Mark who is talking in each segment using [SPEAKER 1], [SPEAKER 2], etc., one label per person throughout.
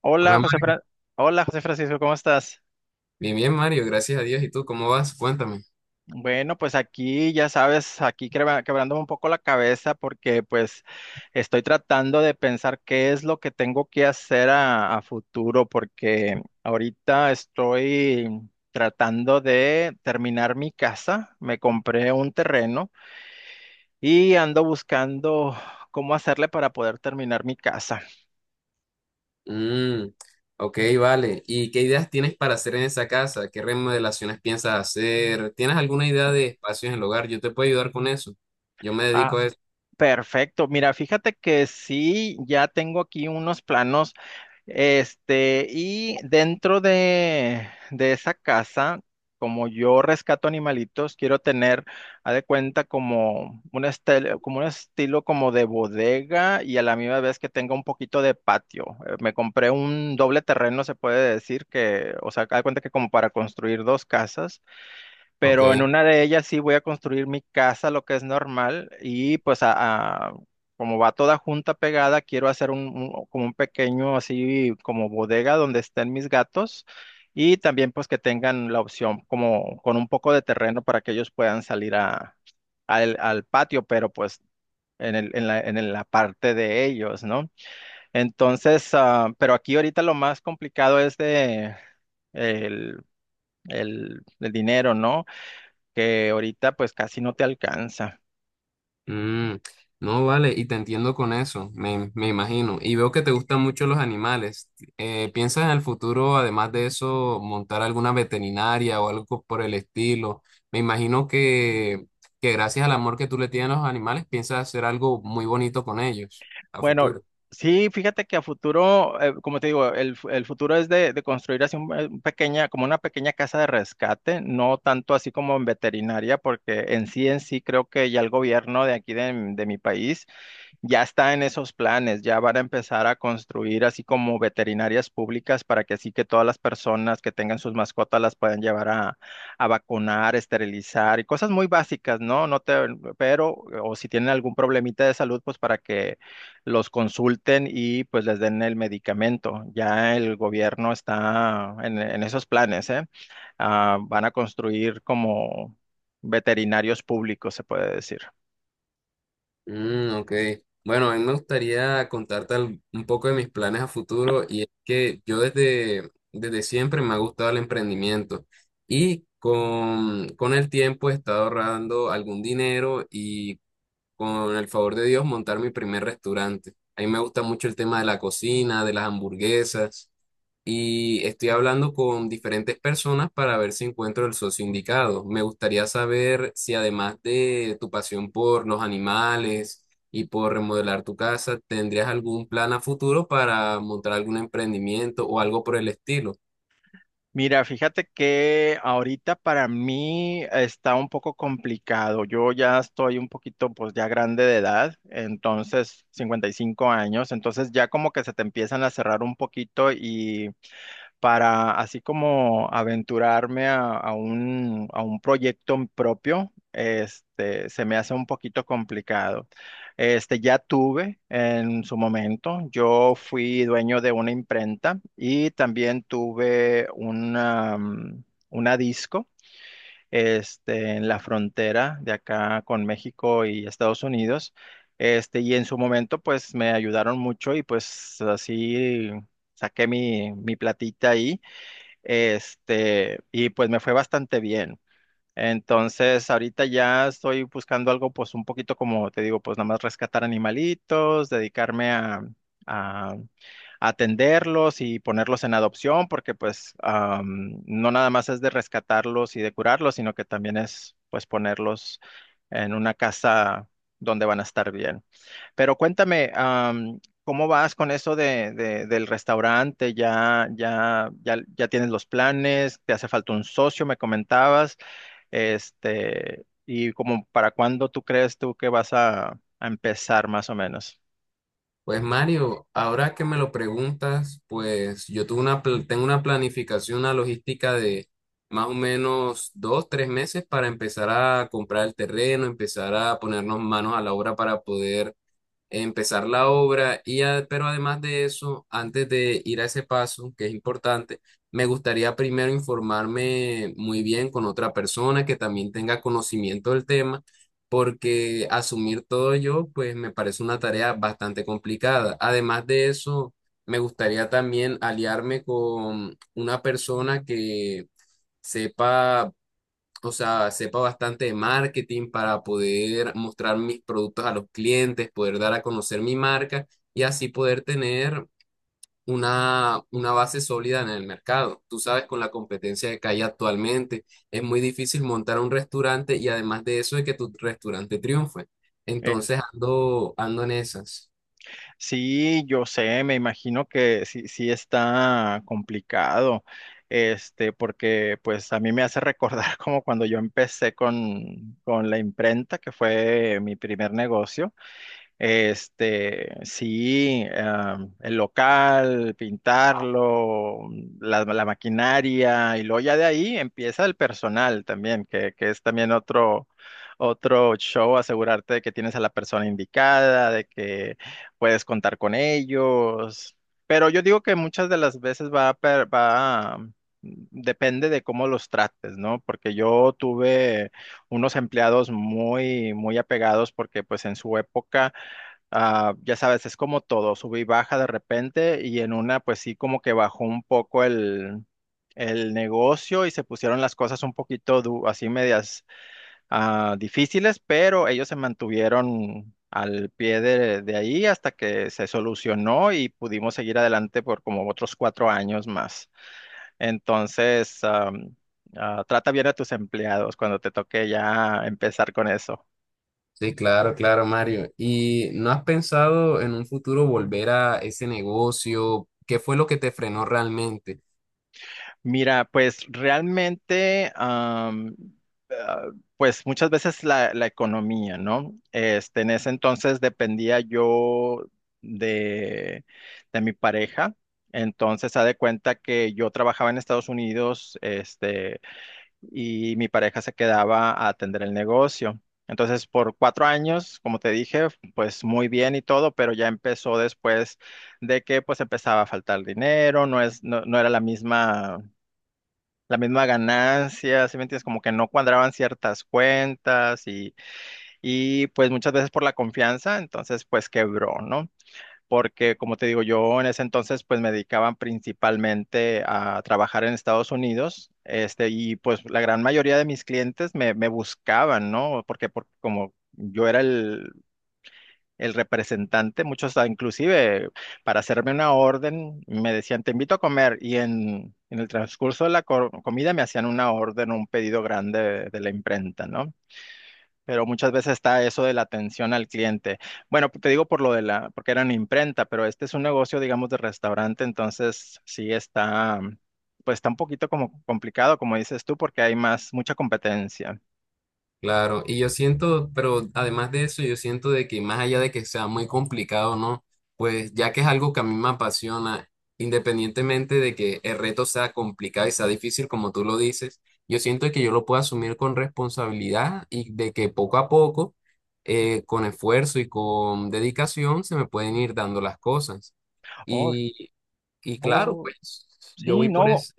[SPEAKER 1] Hola,
[SPEAKER 2] Hola
[SPEAKER 1] José
[SPEAKER 2] Mario.
[SPEAKER 1] Fra- Hola, José Francisco, ¿cómo estás?
[SPEAKER 2] Bien, bien Mario, gracias a Dios. ¿Y tú cómo vas? Cuéntame.
[SPEAKER 1] Bueno, pues aquí, ya sabes, aquí quebrándome un poco la cabeza porque pues estoy tratando de pensar qué es lo que tengo que hacer a futuro porque ahorita estoy tratando de terminar mi casa, me compré un terreno y ando buscando cómo hacerle para poder terminar mi casa.
[SPEAKER 2] Mm, ok, vale. ¿Y qué ideas tienes para hacer en esa casa? ¿Qué remodelaciones piensas hacer? ¿Tienes alguna idea de espacios en el hogar? Yo te puedo ayudar con eso. Yo me
[SPEAKER 1] Ah,
[SPEAKER 2] dedico a eso.
[SPEAKER 1] perfecto, mira, fíjate que sí, ya tengo aquí unos planos. Y dentro de esa casa, como yo rescato animalitos, quiero tener, haz de cuenta, como un estilo, como un estilo como de bodega y a la misma vez que tenga un poquito de patio. Me compré un doble terreno, se puede decir que, o sea, haz de cuenta que como para construir dos casas, pero en
[SPEAKER 2] Ok.
[SPEAKER 1] una de ellas sí voy a construir mi casa, lo que es normal, y pues como va toda junta pegada, quiero hacer como un pequeño así como bodega donde estén mis gatos y también pues que tengan la opción como con un poco de terreno para que ellos puedan salir al patio, pero pues en en la parte de ellos, ¿no? Entonces, ah, pero aquí ahorita lo más complicado es de el, el dinero, ¿no? Que ahorita pues casi no te alcanza.
[SPEAKER 2] Mm, no, vale, y te entiendo con eso, me imagino. Y veo que te gustan mucho los animales. ¿Piensas en el futuro, además de eso, montar alguna veterinaria o algo por el estilo? Me imagino que gracias al amor que tú le tienes a los animales, piensas hacer algo muy bonito con ellos a
[SPEAKER 1] Bueno,
[SPEAKER 2] futuro.
[SPEAKER 1] sí, fíjate que a futuro, como te digo, el futuro es de construir así un, pequeña, como una pequeña casa de rescate, no tanto así como en veterinaria, porque en sí creo que ya el gobierno de aquí de mi país ya está en esos planes, ya van a empezar a construir así como veterinarias públicas para que así que todas las personas que tengan sus mascotas las puedan llevar a vacunar, esterilizar y cosas muy básicas, ¿no? No te, pero, o si tienen algún problemita de salud, pues para que los consulten y pues les den el medicamento. Ya el gobierno está en esos planes, ¿eh? Ah, van a construir como veterinarios públicos, se puede decir.
[SPEAKER 2] Mm, ok. Bueno, a mí me gustaría contarte un poco de mis planes a futuro y es que yo desde siempre me ha gustado el emprendimiento y con el tiempo he estado ahorrando algún dinero y con el favor de Dios montar mi primer restaurante. A mí me gusta mucho el tema de la cocina, de las hamburguesas y estoy hablando con diferentes personas para ver si encuentro el socio indicado. Me gustaría saber si además de tu pasión por los animales y por remodelar tu casa, tendrías algún plan a futuro para montar algún emprendimiento o algo por el estilo.
[SPEAKER 1] Mira, fíjate que ahorita para mí está un poco complicado. Yo ya estoy un poquito, pues ya grande de edad, entonces 55 años, entonces ya como que se te empiezan a cerrar un poquito y para así como aventurarme a un proyecto propio, este, se me hace un poquito complicado. Este, ya tuve en su momento, yo fui dueño de una imprenta y también tuve una, una disco. Este, en la frontera de acá con México y Estados Unidos. Este, y en su momento, pues me ayudaron mucho y pues así saqué mi platita ahí. Este, y pues me fue bastante bien. Entonces, ahorita ya estoy buscando algo, pues un poquito como te digo, pues nada más rescatar animalitos, dedicarme a atenderlos y ponerlos en adopción, porque pues am, no nada más es de rescatarlos y de curarlos, sino que también es pues ponerlos en una casa donde van a estar bien. Pero cuéntame, am, ¿cómo vas con eso del restaurante? ¿Ya tienes los planes? ¿Te hace falta un socio? Me comentabas. Este, y como para cuándo tú crees tú que vas a empezar más o menos.
[SPEAKER 2] Pues Mario, ahora que me lo preguntas, pues yo tengo una planificación, una logística de más o menos dos, tres meses para empezar a comprar el terreno, empezar a ponernos manos a la obra para poder empezar la obra pero además de eso, antes de ir a ese paso, que es importante, me gustaría primero informarme muy bien con otra persona que también tenga conocimiento del tema, porque asumir todo yo, pues me parece una tarea bastante complicada. Además de eso, me gustaría también aliarme con una persona que sepa, o sea, sepa bastante de marketing para poder mostrar mis productos a los clientes, poder dar a conocer mi marca y así poder tener una base sólida en el mercado. Tú sabes, con la competencia que hay actualmente, es muy difícil montar un restaurante y además de eso, de que tu restaurante triunfe.
[SPEAKER 1] Eh,
[SPEAKER 2] Entonces ando en esas.
[SPEAKER 1] sí, yo sé, me imagino que sí, sí está complicado. Este, porque pues a mí me hace recordar como cuando yo empecé con la imprenta, que fue mi primer negocio. Este, sí, ah, el local, pintarlo, la maquinaria, y luego ya de ahí empieza el personal también, que es también otro, otro show, asegurarte de que tienes a la persona indicada, de que puedes contar con ellos. Pero yo digo que muchas de las veces va, a per- va, mm, depende de cómo los trates, ¿no? Porque yo tuve unos empleados muy, muy apegados porque pues en su época, ah, ya sabes, es como todo, sube y baja de repente y en una pues sí como que bajó un poco el negocio y se pusieron las cosas un poquito du- así medias, ah, difíciles, pero ellos se mantuvieron al pie de ahí hasta que se solucionó y pudimos seguir adelante por como otros 4 años más. Entonces, am, ah, trata bien a tus empleados cuando te toque ya empezar con eso.
[SPEAKER 2] Sí, claro, claro, Mario. ¿Y no has pensado en un futuro volver a ese negocio? ¿Qué fue lo que te frenó realmente?
[SPEAKER 1] Mira, pues realmente, am, ah, pues muchas veces la economía, ¿no? Este, en ese entonces dependía yo de, de mi pareja. Entonces, haz de cuenta que yo trabajaba en Estados Unidos, este, y mi pareja se quedaba a atender el negocio. Entonces, por 4 años, como te dije, pues muy bien y todo, pero ya empezó después de que pues empezaba a faltar dinero, no es, no, no era la misma ganancia, ¿sí me entiendes? Como que no cuadraban ciertas cuentas y pues muchas veces por la confianza, entonces pues quebró, ¿no? Porque como te digo, yo en ese entonces pues me dedicaban principalmente a trabajar en Estados Unidos, este, y pues la gran mayoría de mis clientes me buscaban, ¿no? Como yo era el representante, muchos ah, inclusive para hacerme una orden me decían, te invito a comer y en el transcurso de la co- comida me hacían una orden, un pedido grande de la imprenta, ¿no? Pero muchas veces está eso de la atención al cliente. Bueno, te digo por lo de la, porque eran imprenta, pero este es un negocio, digamos, de restaurante, entonces sí está, pues está un poquito como complicado, como dices tú, porque hay más, mucha competencia.
[SPEAKER 2] Claro, y yo siento, pero además de eso, yo siento de que más allá de que sea muy complicado, ¿no? Pues ya que es algo que a mí me apasiona, independientemente de que el reto sea complicado y sea difícil, como tú lo dices, yo siento que yo lo puedo asumir con responsabilidad y de que poco a poco, con esfuerzo y con dedicación, se me pueden ir dando las cosas.
[SPEAKER 1] Oh,
[SPEAKER 2] Y, y claro,
[SPEAKER 1] oh,
[SPEAKER 2] pues yo
[SPEAKER 1] sí,
[SPEAKER 2] voy por
[SPEAKER 1] no.
[SPEAKER 2] ese.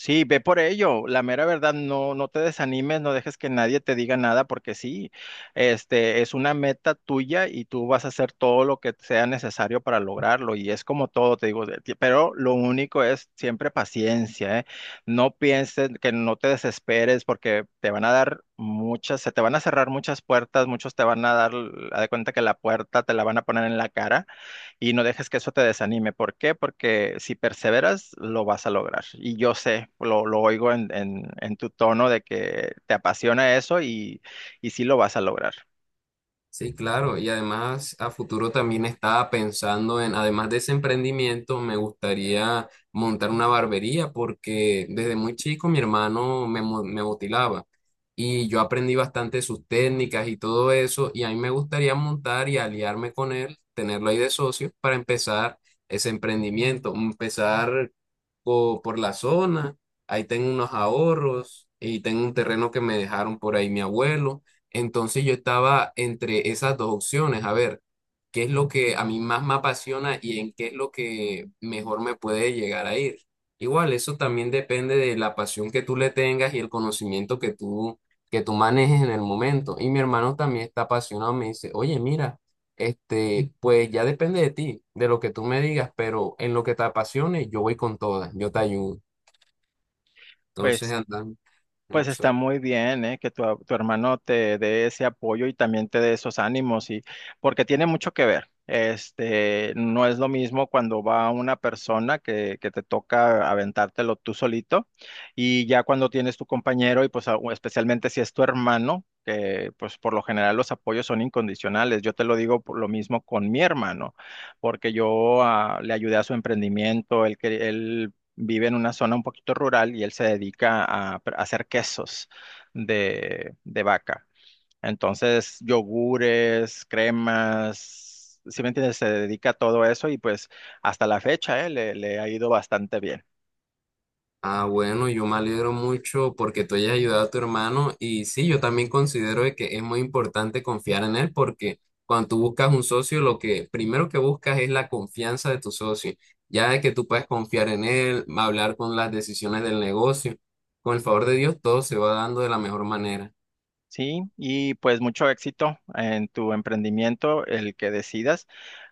[SPEAKER 1] Sí, ve por ello. La mera verdad, no, no te desanimes, no dejes que nadie te diga nada, porque sí, este es una meta tuya y tú vas a hacer todo lo que sea necesario para lograrlo. Y es como todo, te digo, de- pero lo único es siempre paciencia, ¿eh? No pienses que no te desesperes, porque te van a dar muchas, se te van a cerrar muchas puertas, muchos te van a dar, haz de cuenta que la puerta te la van a poner en la cara y no dejes que eso te desanime. ¿Por qué? Porque si perseveras, lo vas a lograr. Y yo sé, lo oigo en tu tono de que te apasiona eso y sí lo vas a lograr.
[SPEAKER 2] Sí, claro, y además a futuro también estaba pensando en, además de ese emprendimiento, me gustaría montar una barbería porque desde muy chico mi hermano me motilaba y yo aprendí bastante sus técnicas y todo eso y a mí me gustaría montar y aliarme con él, tenerlo ahí de socio para empezar ese emprendimiento, empezar por la zona, ahí tengo unos ahorros y tengo un terreno que me dejaron por ahí mi abuelo. Entonces yo estaba entre esas dos opciones, a ver, qué es lo que a mí más me apasiona y en qué es lo que mejor me puede llegar a ir. Igual, eso también depende de la pasión que tú le tengas y el conocimiento que tú manejes en el momento. Y mi hermano también está apasionado, me dice, oye, mira, este, pues ya depende de ti, de lo que tú me digas, pero en lo que te apasione, yo voy con todas, yo te ayudo. Entonces
[SPEAKER 1] Pues
[SPEAKER 2] andan,
[SPEAKER 1] Pues
[SPEAKER 2] no
[SPEAKER 1] está
[SPEAKER 2] sé.
[SPEAKER 1] muy bien, ¿eh? Que tu, tu hermano te dé ese apoyo y también te dé esos ánimos y porque tiene mucho que ver. Este, no es lo mismo cuando va una persona que te toca aventártelo tú solito y ya cuando tienes tu compañero y pues o especialmente si es tu hermano, que pues por lo general los apoyos son incondicionales. Yo te lo digo por lo mismo con mi hermano, porque yo ah, le ayudé a su emprendimiento, él, él vive en una zona un poquito rural y él se dedica a, a hacer quesos de vaca. Entonces, yogures, cremas, ¿si me entiendes? Se dedica a todo eso y pues hasta la fecha, le ha ido bastante bien.
[SPEAKER 2] Ah, bueno, yo me alegro mucho porque tú hayas ayudado a tu hermano y sí, yo también considero de que es muy importante confiar en él porque cuando tú buscas un socio, lo que primero que buscas es la confianza de tu socio, ya de que tú puedes confiar en él, hablar con las decisiones del negocio, con el favor de Dios, todo se va dando de la mejor manera.
[SPEAKER 1] Sí, y pues mucho éxito en tu emprendimiento, el que decidas.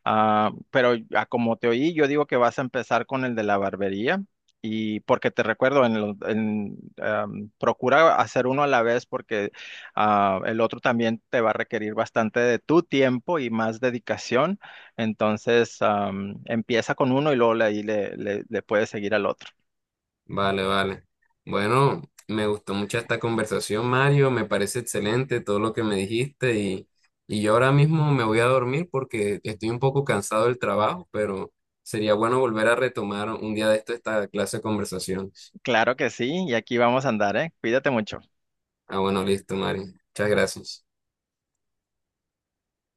[SPEAKER 1] Ah, pero a como te oí, yo digo que vas a empezar con el de la barbería y porque te recuerdo, am, procura hacer uno a la vez porque ah, el otro también te va a requerir bastante de tu tiempo y más dedicación. Entonces, am, empieza con uno y luego ahí le puedes seguir al otro.
[SPEAKER 2] Vale, vale. Bueno, me gustó mucho esta conversación, Mario. Me parece excelente todo lo que me dijiste y yo ahora mismo me voy a dormir porque estoy un poco cansado del trabajo, pero sería bueno volver a retomar un día de esto esta clase de conversaciones.
[SPEAKER 1] Claro que sí, y aquí vamos a andar, ¿eh? Cuídate mucho.
[SPEAKER 2] Ah, bueno, listo, Mario. Muchas gracias.